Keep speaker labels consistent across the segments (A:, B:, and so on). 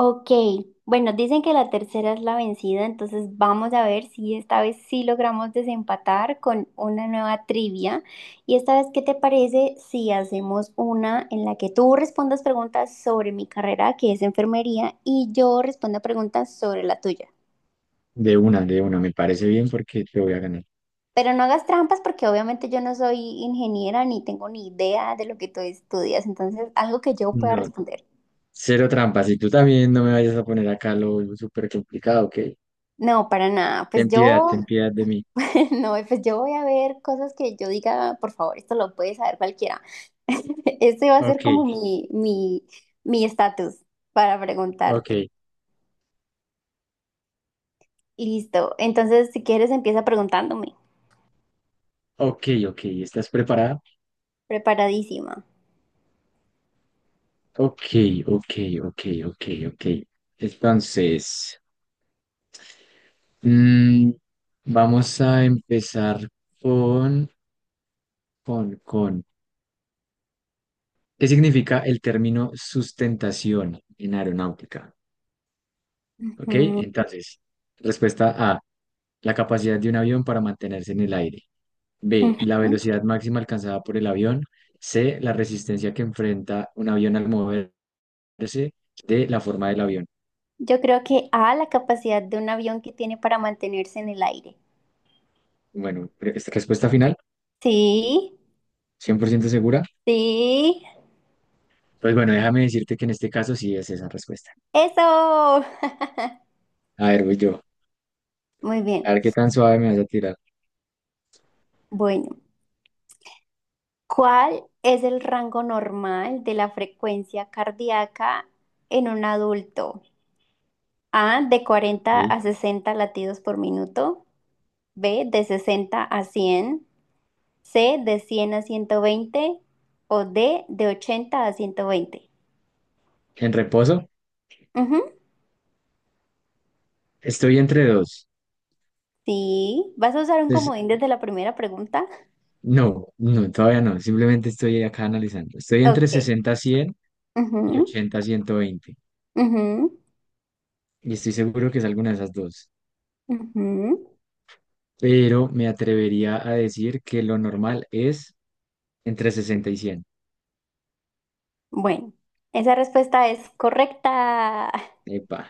A: Ok, bueno, dicen que la tercera es la vencida, entonces vamos a ver si esta vez sí logramos desempatar con una nueva trivia. Y esta vez, ¿qué te parece si hacemos una en la que tú respondas preguntas sobre mi carrera, que es enfermería, y yo responda preguntas sobre la tuya?
B: De una, me parece bien porque te voy a ganar.
A: Pero no hagas trampas porque obviamente yo no soy ingeniera ni tengo ni idea de lo que tú estudias, entonces algo que yo pueda
B: No,
A: responder.
B: cero trampas. Y tú también no me vayas a poner acá lo súper complicado, ¿ok?
A: No, para nada, pues yo.
B: Ten piedad de mí.
A: No, pues yo voy a ver cosas que yo diga, por favor, esto lo puede saber cualquiera. Este va a ser
B: Ok,
A: como ok, mi estatus para
B: ok,
A: preguntarte. Y listo. Entonces, si quieres, empieza preguntándome.
B: ok, ok. ¿Estás preparada?
A: Preparadísima.
B: Ok, ok, ok, ok, ok. Entonces, mm, vamos a empezar con, con. ¿Qué significa el término sustentación en aeronáutica? Ok,
A: Mm,
B: entonces, respuesta A. La capacidad de un avión para mantenerse en el aire. B. La
A: ujú.
B: velocidad máxima alcanzada por el avión. C. La resistencia que enfrenta un avión al moverse. D. La forma del avión.
A: Yo creo que A, la capacidad de un avión que tiene para mantenerse en el aire.
B: Bueno, esta respuesta final,
A: Sí,
B: 100% segura.
A: sí.
B: Pues bueno, déjame decirte que en este caso sí es esa respuesta.
A: Eso.
B: A ver, voy yo.
A: Muy
B: A
A: bien.
B: ver qué tan suave me vas a tirar.
A: Bueno. ¿Cuál es el rango normal de la frecuencia cardíaca en un adulto? A, de cuarenta
B: Ok.
A: a sesenta latidos por minuto. B, de 60 a 100. C, de 100 a 120. O D, de 80 a 120.
B: En reposo,
A: Ujú.
B: estoy entre dos.
A: Sí, ¿vas a usar un
B: Entonces,
A: comodín desde la primera pregunta?
B: no, no, todavía no. Simplemente estoy acá analizando. Estoy entre
A: Ok.
B: 60 a 100 y
A: Ujú,
B: 80 a 120.
A: ujú,
B: Y estoy seguro que es alguna de esas dos,
A: ujú.
B: pero me atrevería a decir que lo normal es entre 60 y 100.
A: Bueno, esa respuesta es correcta.
B: Epa,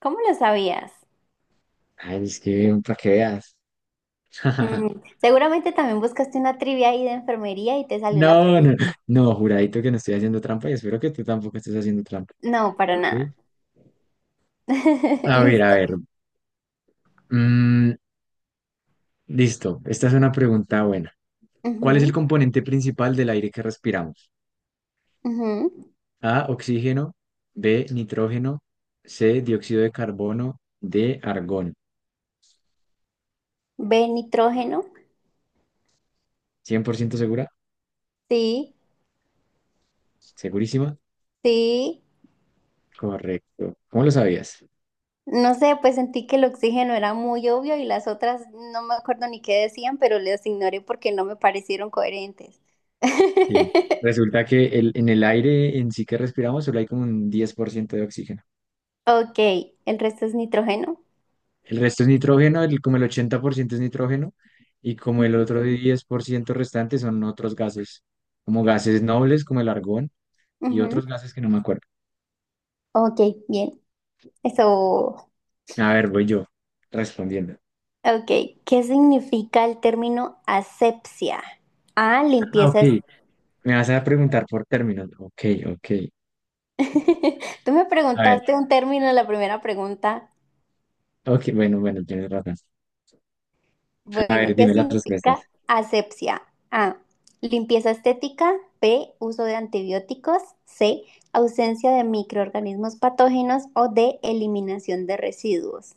A: ¿Cómo lo sabías?
B: ay, es que para que veas.
A: Seguramente también buscaste una trivia ahí de enfermería y te salió la
B: No, no,
A: pregunta.
B: no, juradito que no estoy haciendo trampa y espero que tú tampoco estés haciendo trampa.
A: No, para
B: ¿Ok?
A: nada.
B: A ver, a
A: Listo.
B: ver. mm, Listo, esta es una pregunta buena. ¿Cuál es el
A: Ujú,
B: componente principal del aire que respiramos?
A: ujú.
B: A, oxígeno, B, nitrógeno, C, dióxido de carbono, D, argón.
A: B, nitrógeno.
B: ¿100% segura?
A: Sí,
B: ¿Segurísima?
A: sí.
B: Correcto. ¿Cómo lo sabías?
A: No sé, pues sentí que el oxígeno era muy obvio y las otras no me acuerdo ni qué decían, pero las ignoré porque no me parecieron coherentes.
B: Sí. Resulta que en el aire en sí que respiramos solo hay como un 10% de oxígeno.
A: Ok, el resto es nitrógeno.
B: El resto es nitrógeno, como el 80% es nitrógeno y como el
A: Ujú,
B: otro 10% restante son otros gases, como gases nobles como el argón y
A: ujú.
B: otros gases que no me acuerdo.
A: Ok, bien. Eso.
B: A ver, voy yo respondiendo.
A: Ok, ¿qué significa el término asepsia? Ah,
B: Ah,
A: limpieza.
B: ok. Me vas a preguntar por términos. Ok, ok.
A: Tú me
B: A ver,
A: preguntaste un término en la primera pregunta.
B: ok, bueno, bueno, tienes razón. A
A: Bueno,
B: ver,
A: ¿qué
B: dime las respuestas.
A: significa asepsia? A, limpieza estética. B, uso de antibióticos. C, ausencia de microorganismos patógenos. O D, eliminación de residuos.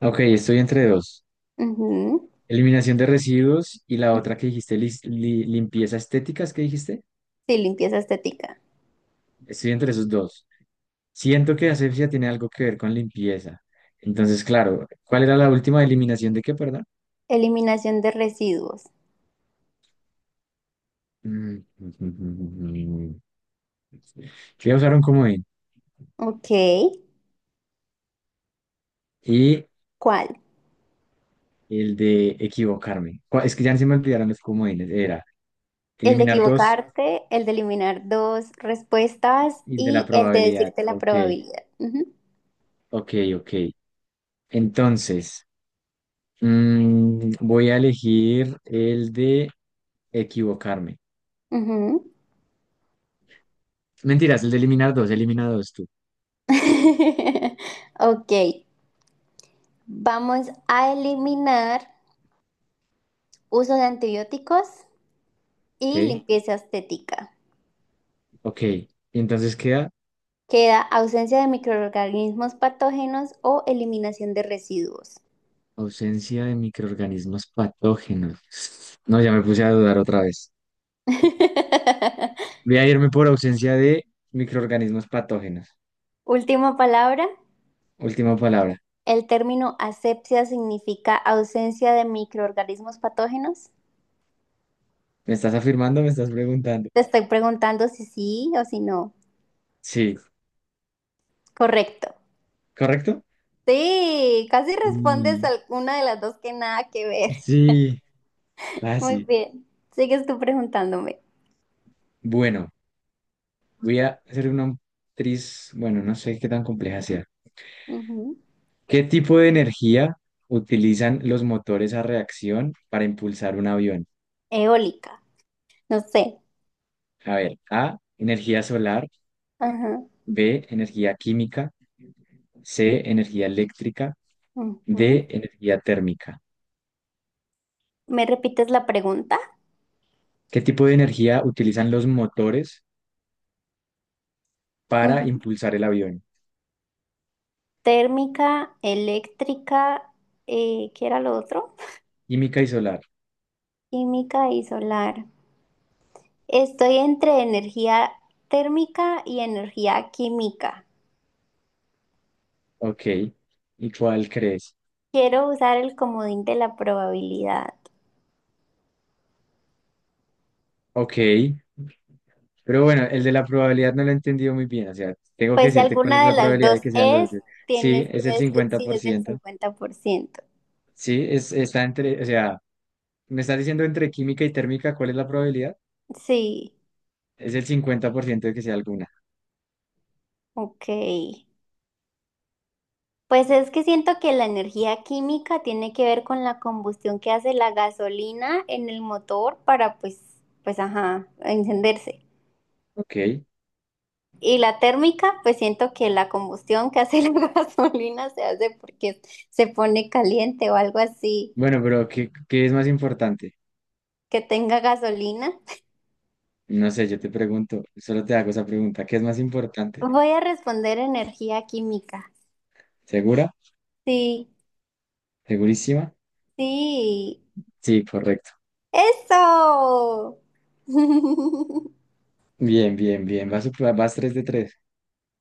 B: Ok, estoy entre dos.
A: Ujú.
B: Eliminación de residuos y la otra que dijiste, limpieza estética, ¿es que dijiste?
A: Sí, limpieza estética.
B: Estoy entre esos dos. Siento que asepsia tiene algo que ver con limpieza. Entonces, claro, ¿cuál era la última eliminación de qué, perdón?
A: Eliminación de residuos.
B: Mm. Yo voy a usar un comodín
A: Ok,
B: y
A: ¿cuál?
B: el de equivocarme. Es que ya se me olvidaron los comodines. Era
A: El de
B: eliminar dos
A: equivocarte, el de eliminar dos respuestas
B: y el de la
A: y el de
B: probabilidad.
A: decirte la
B: Ok,
A: probabilidad. Ujú,
B: ok, ok. Entonces, voy a elegir el de equivocarme.
A: ujú.
B: Mentiras, el de eliminar dos, elimina dos tú.
A: Ok, vamos a eliminar uso de antibióticos
B: Ok,
A: y limpieza estética.
B: ok. Y entonces queda
A: Queda ausencia de microorganismos patógenos o eliminación de residuos.
B: ausencia de microorganismos patógenos. No, ya me puse a dudar otra vez. Voy a irme por ausencia de microorganismos patógenos.
A: Última palabra.
B: Última palabra.
A: El término asepsia significa ausencia de microorganismos patógenos.
B: ¿Me estás afirmando? ¿Me estás preguntando?
A: Te estoy preguntando si sí o si no.
B: Sí,
A: Correcto.
B: ¿correcto?
A: Sí, casi respondes
B: Y-
A: a una de las dos que nada que ver.
B: Sí,
A: Muy
B: así.
A: bien. Sigues tú preguntándome.
B: Bueno, voy a hacer una actriz, bueno, no sé qué tan compleja sea.
A: Ujú.
B: ¿Qué tipo de energía utilizan los motores a reacción para impulsar un avión?
A: Eólica. No sé.
B: A ver, A, energía solar,
A: Ajá.
B: B, energía química, C, energía eléctrica,
A: Ujú.
B: D, energía térmica.
A: ¿Me repites la pregunta?
B: ¿Qué tipo de energía utilizan los motores para
A: Ujú.
B: impulsar el avión?
A: Térmica, eléctrica, ¿qué era lo otro?
B: Química y solar.
A: Química y solar. Estoy entre energía térmica y energía química.
B: Ok. ¿Y cuál crees?
A: Quiero usar el comodín de la probabilidad.
B: Ok. Pero bueno, el de la probabilidad no lo he entendido muy bien. O sea, tengo que
A: Pues si
B: decirte cuál es
A: alguna de
B: la
A: las
B: probabilidad de
A: dos
B: que sean los
A: es,
B: dos. Sí,
A: tienes
B: es
A: que
B: el
A: decir
B: cincuenta
A: si
B: por
A: es del
B: ciento.
A: 50%.
B: Sí, es, está entre, o sea, me estás diciendo entre química y térmica, ¿cuál es la probabilidad?
A: Sí,
B: Es el 50% de que sea alguna.
A: ok. Pues es que siento que la energía química tiene que ver con la combustión que hace la gasolina en el motor para pues ajá, encenderse.
B: Ok.
A: Y la térmica, pues siento que la combustión que hace la gasolina se hace porque se pone caliente o algo así,
B: Bueno, pero ¿qué es más importante?
A: que tenga gasolina.
B: No sé, yo te pregunto, solo te hago esa pregunta. ¿Qué es más importante?
A: Voy a responder energía química.
B: ¿Segura?
A: Sí,
B: ¿Segurísima?
A: sí.
B: Sí, correcto.
A: ¡Eso!
B: Bien, bien, bien. Vas tres de 3.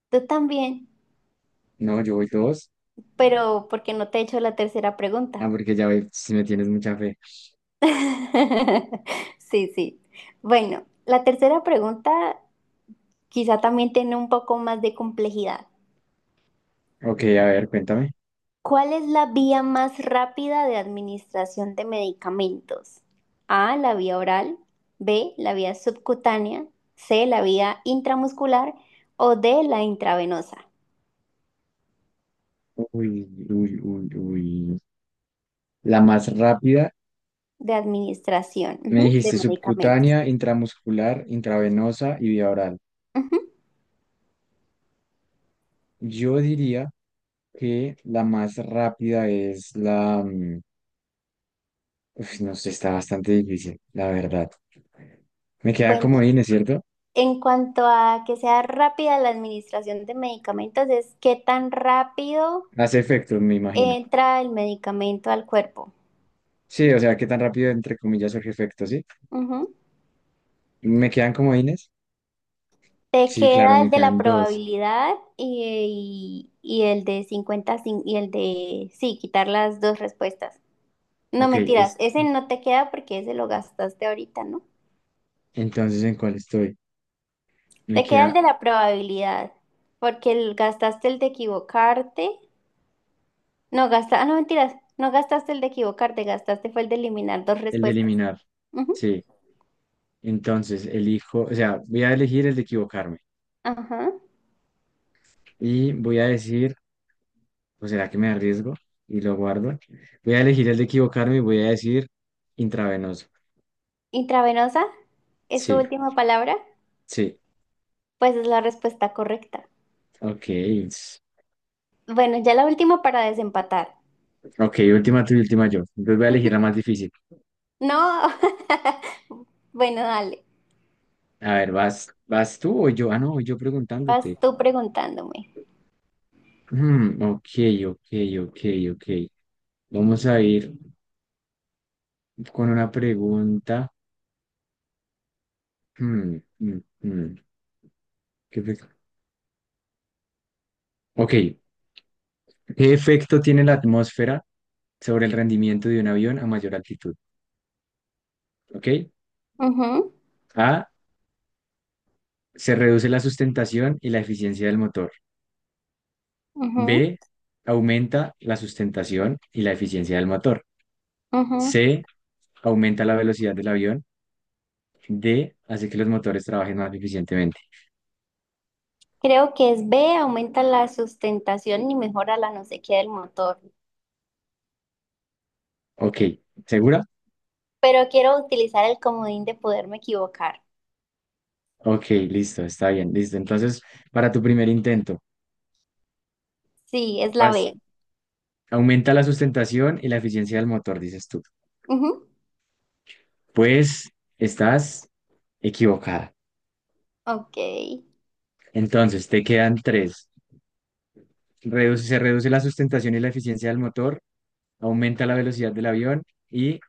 A: Tú también,
B: No, yo voy 2.
A: pero porque no te he hecho la tercera
B: Ah,
A: pregunta.
B: porque ya ve, si me tienes mucha fe.
A: Sí, sí. Bueno, la tercera pregunta quizá también tiene un poco más de complejidad.
B: Ok, a ver, cuéntame.
A: ¿Cuál es la vía más rápida de administración de medicamentos? A, la vía oral, B, la vía subcutánea, C, la vía intramuscular o D, la intravenosa
B: Uy, uy, uy, uy. La más rápida,
A: de administración,
B: me
A: ujú, de
B: dijiste
A: medicamentos.
B: subcutánea, intramuscular, intravenosa y vía oral.
A: Ujú.
B: Yo diría que la más rápida es la. Uf, no sé, está bastante difícil, la verdad. Me queda
A: Bueno,
B: como es, ¿cierto?
A: en cuanto a que sea rápida la administración de medicamentos, es qué tan rápido
B: Hace efecto, me imagino.
A: entra el medicamento al cuerpo.
B: Sí, o sea, ¿qué tan rápido, entre comillas, surge efecto, sí?
A: Ujú.
B: ¿Me quedan comodines?
A: Te
B: Sí, claro,
A: queda el
B: me
A: de la
B: quedan dos.
A: probabilidad y el de y el de, sí, quitar las dos respuestas. No
B: Ok,
A: mentiras,
B: es,
A: ese no te queda porque ese lo gastaste ahorita, ¿no?
B: entonces, ¿en cuál estoy? Me
A: Te queda el
B: queda
A: de la probabilidad porque gastaste el de equivocarte. No gasta, no mentiras, no gastaste el de equivocarte, gastaste fue el de eliminar dos
B: el de
A: respuestas.
B: eliminar.
A: Ujú.
B: Sí, entonces, elijo, o sea, voy a elegir el de equivocarme.
A: Ajá.
B: Y voy a decir. ¿O será que me arriesgo y lo guardo? Voy a elegir el de equivocarme y voy a decir intravenoso.
A: Intravenosa, ¿es tu
B: Sí,
A: última palabra?
B: sí.
A: Pues es la respuesta correcta.
B: Ok. s-
A: Bueno, ya la última para desempatar.
B: Ok, última tú y última yo. Entonces voy a elegir la más difícil.
A: No. Bueno, dale.
B: A ver, ¿vas tú o yo? Ah, no, yo
A: Vas
B: preguntándote.
A: tú preguntándome.
B: Ok, ok, ok, ok. Vamos a ir con una pregunta. Mm, mm, mm. ¿Qué fe- ok, ¿qué efecto tiene la atmósfera sobre el rendimiento de un avión a mayor altitud? Ok.
A: Ujú,
B: A, se reduce la sustentación y la eficiencia del motor.
A: ujú,
B: B, aumenta la sustentación y la eficiencia del motor.
A: ujú.
B: C, aumenta la velocidad del avión. D, hace que los motores trabajen más eficientemente.
A: Creo que es B, aumenta la sustentación y mejora la no sé qué del motor.
B: Ok, ¿segura?
A: Pero quiero utilizar el comodín de poderme equivocar.
B: Ok, listo, está bien, listo. Entonces, para tu primer intento,
A: Sí, es la
B: vas-
A: B.
B: aumenta la sustentación y la eficiencia del motor, dices tú.
A: Ujú.
B: Pues estás equivocada.
A: Ok.
B: Entonces, te quedan tres. Se reduce la sustentación y la eficiencia del motor, aumenta la velocidad del avión, y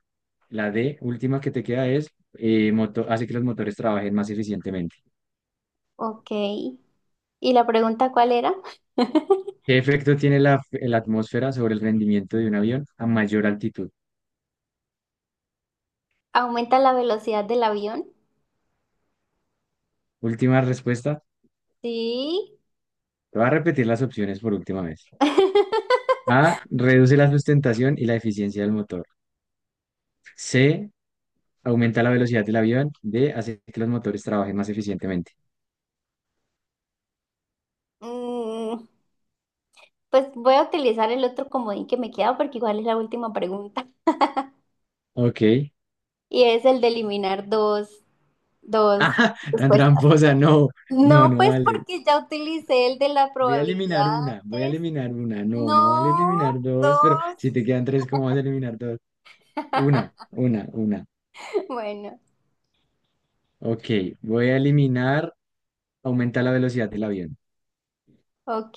B: la D, última que te queda es hace que los motores trabajen más eficientemente.
A: Ok. ¿Y la pregunta cuál era?
B: ¿Qué efecto tiene la atmósfera sobre el rendimiento de un avión a mayor altitud?
A: ¿Aumenta la velocidad del avión?
B: Última respuesta.
A: Sí.
B: Te voy a repetir las opciones por última vez. A, reduce la sustentación y la eficiencia del motor. C, aumenta la velocidad del avión. D, hace que los motores trabajen más eficientemente.
A: Mm, pues voy a utilizar el otro comodín que me queda porque igual es la última pregunta.
B: Ok.
A: Y es el de eliminar dos
B: Ah, tan
A: respuestas.
B: tramposa, no, no,
A: No,
B: no
A: pues
B: vale.
A: porque ya utilicé el de la
B: Voy a eliminar
A: probabilidad
B: una, voy a
A: antes.
B: eliminar una. No, no vale
A: No,
B: eliminar dos, pero
A: dos.
B: si te quedan tres, ¿cómo vas a eliminar dos? Una, una.
A: Bueno.
B: Ok, voy a eliminar, aumenta la velocidad del avión.
A: Ok,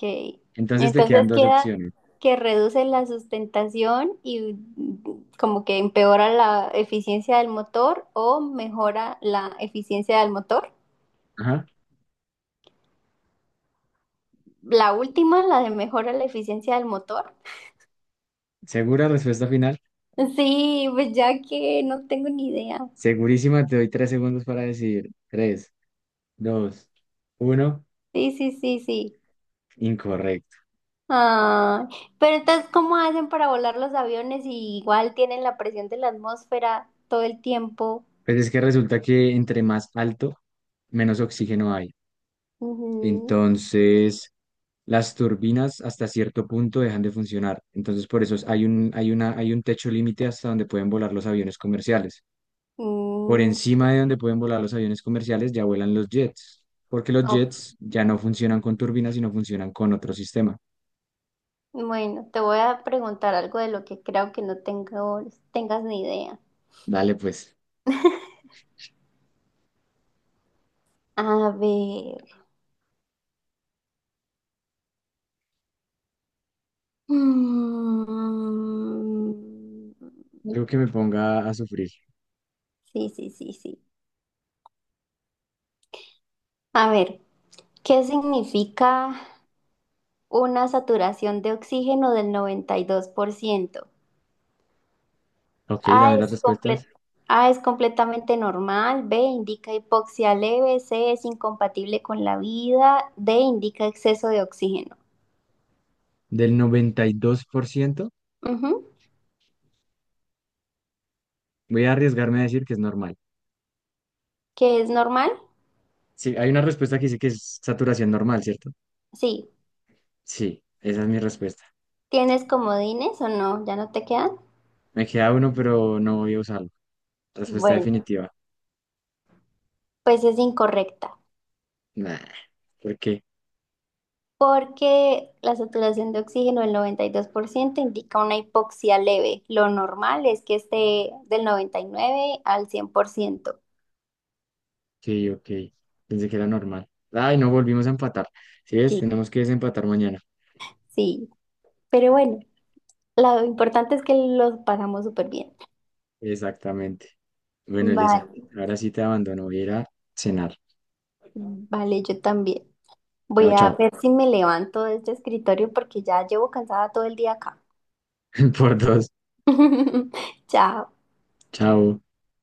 B: Entonces te quedan
A: entonces
B: dos
A: queda
B: opciones.
A: que reduce la sustentación y como que empeora la eficiencia del motor o mejora la eficiencia del motor.
B: Ajá.
A: La última, la de mejora la eficiencia del motor.
B: ¿Segura respuesta final?
A: Sí, pues ya que no tengo ni idea.
B: Segurísima, te doy 3 segundos para decidir. Tres, dos, uno.
A: Sí, sí, sí, sí.
B: Incorrecto.
A: Ah, pero entonces, ¿cómo hacen para volar los aviones si igual tienen la presión de la atmósfera todo el tiempo?
B: Pues es que resulta que entre más alto, menos oxígeno hay.
A: Ujú.
B: Entonces, las turbinas hasta cierto punto dejan de funcionar. Entonces, por eso hay un techo límite hasta donde pueden volar los aviones comerciales. Por
A: Mm,
B: encima de donde pueden volar los aviones comerciales ya vuelan los jets, porque los
A: ok.
B: jets ya no funcionan con turbinas, sino funcionan con otro sistema.
A: Bueno, te voy a preguntar algo de lo que creo que no tengo, tengas ni idea.
B: Dale, pues,
A: A ver. Mm.
B: algo que me ponga a sufrir.
A: Sí, sí, sí, sí. A ver, ¿qué significa una saturación de oxígeno del 92%?
B: Ok,
A: A
B: dame las
A: es comple-
B: respuestas.
A: A es completamente normal, B indica hipoxia leve, C es incompatible con la vida, D indica exceso de oxígeno.
B: Del 92%
A: Ujú.
B: voy a arriesgarme a decir que es normal.
A: ¿Qué es normal?
B: Sí, hay una respuesta que dice que es saturación normal, ¿cierto?
A: Sí.
B: Sí, esa es mi respuesta.
A: ¿Tienes comodines o no? ¿Ya no te quedan?
B: Me queda uno, pero no voy a usarlo. Respuesta
A: Bueno,
B: definitiva.
A: pues es incorrecta,
B: Nah, ¿por qué?
A: porque la saturación de oxígeno del 92% indica una hipoxia leve. Lo normal es que esté del 99 al 100%.
B: Sí, ok. Pensé que era normal. Ay, no volvimos a empatar. ¿Sí ves?
A: Sí,
B: Tenemos que desempatar mañana.
A: sí, pero bueno, lo importante es que lo pasamos súper bien.
B: Exactamente. Bueno, Elisa,
A: Vale,
B: ahora sí te abandono. Voy a ir a cenar.
A: vale, yo también. Voy
B: Chao,
A: a
B: chao.
A: ver si me levanto de este escritorio porque ya llevo cansada todo el día acá.
B: Por dos.
A: Chao.
B: Chao.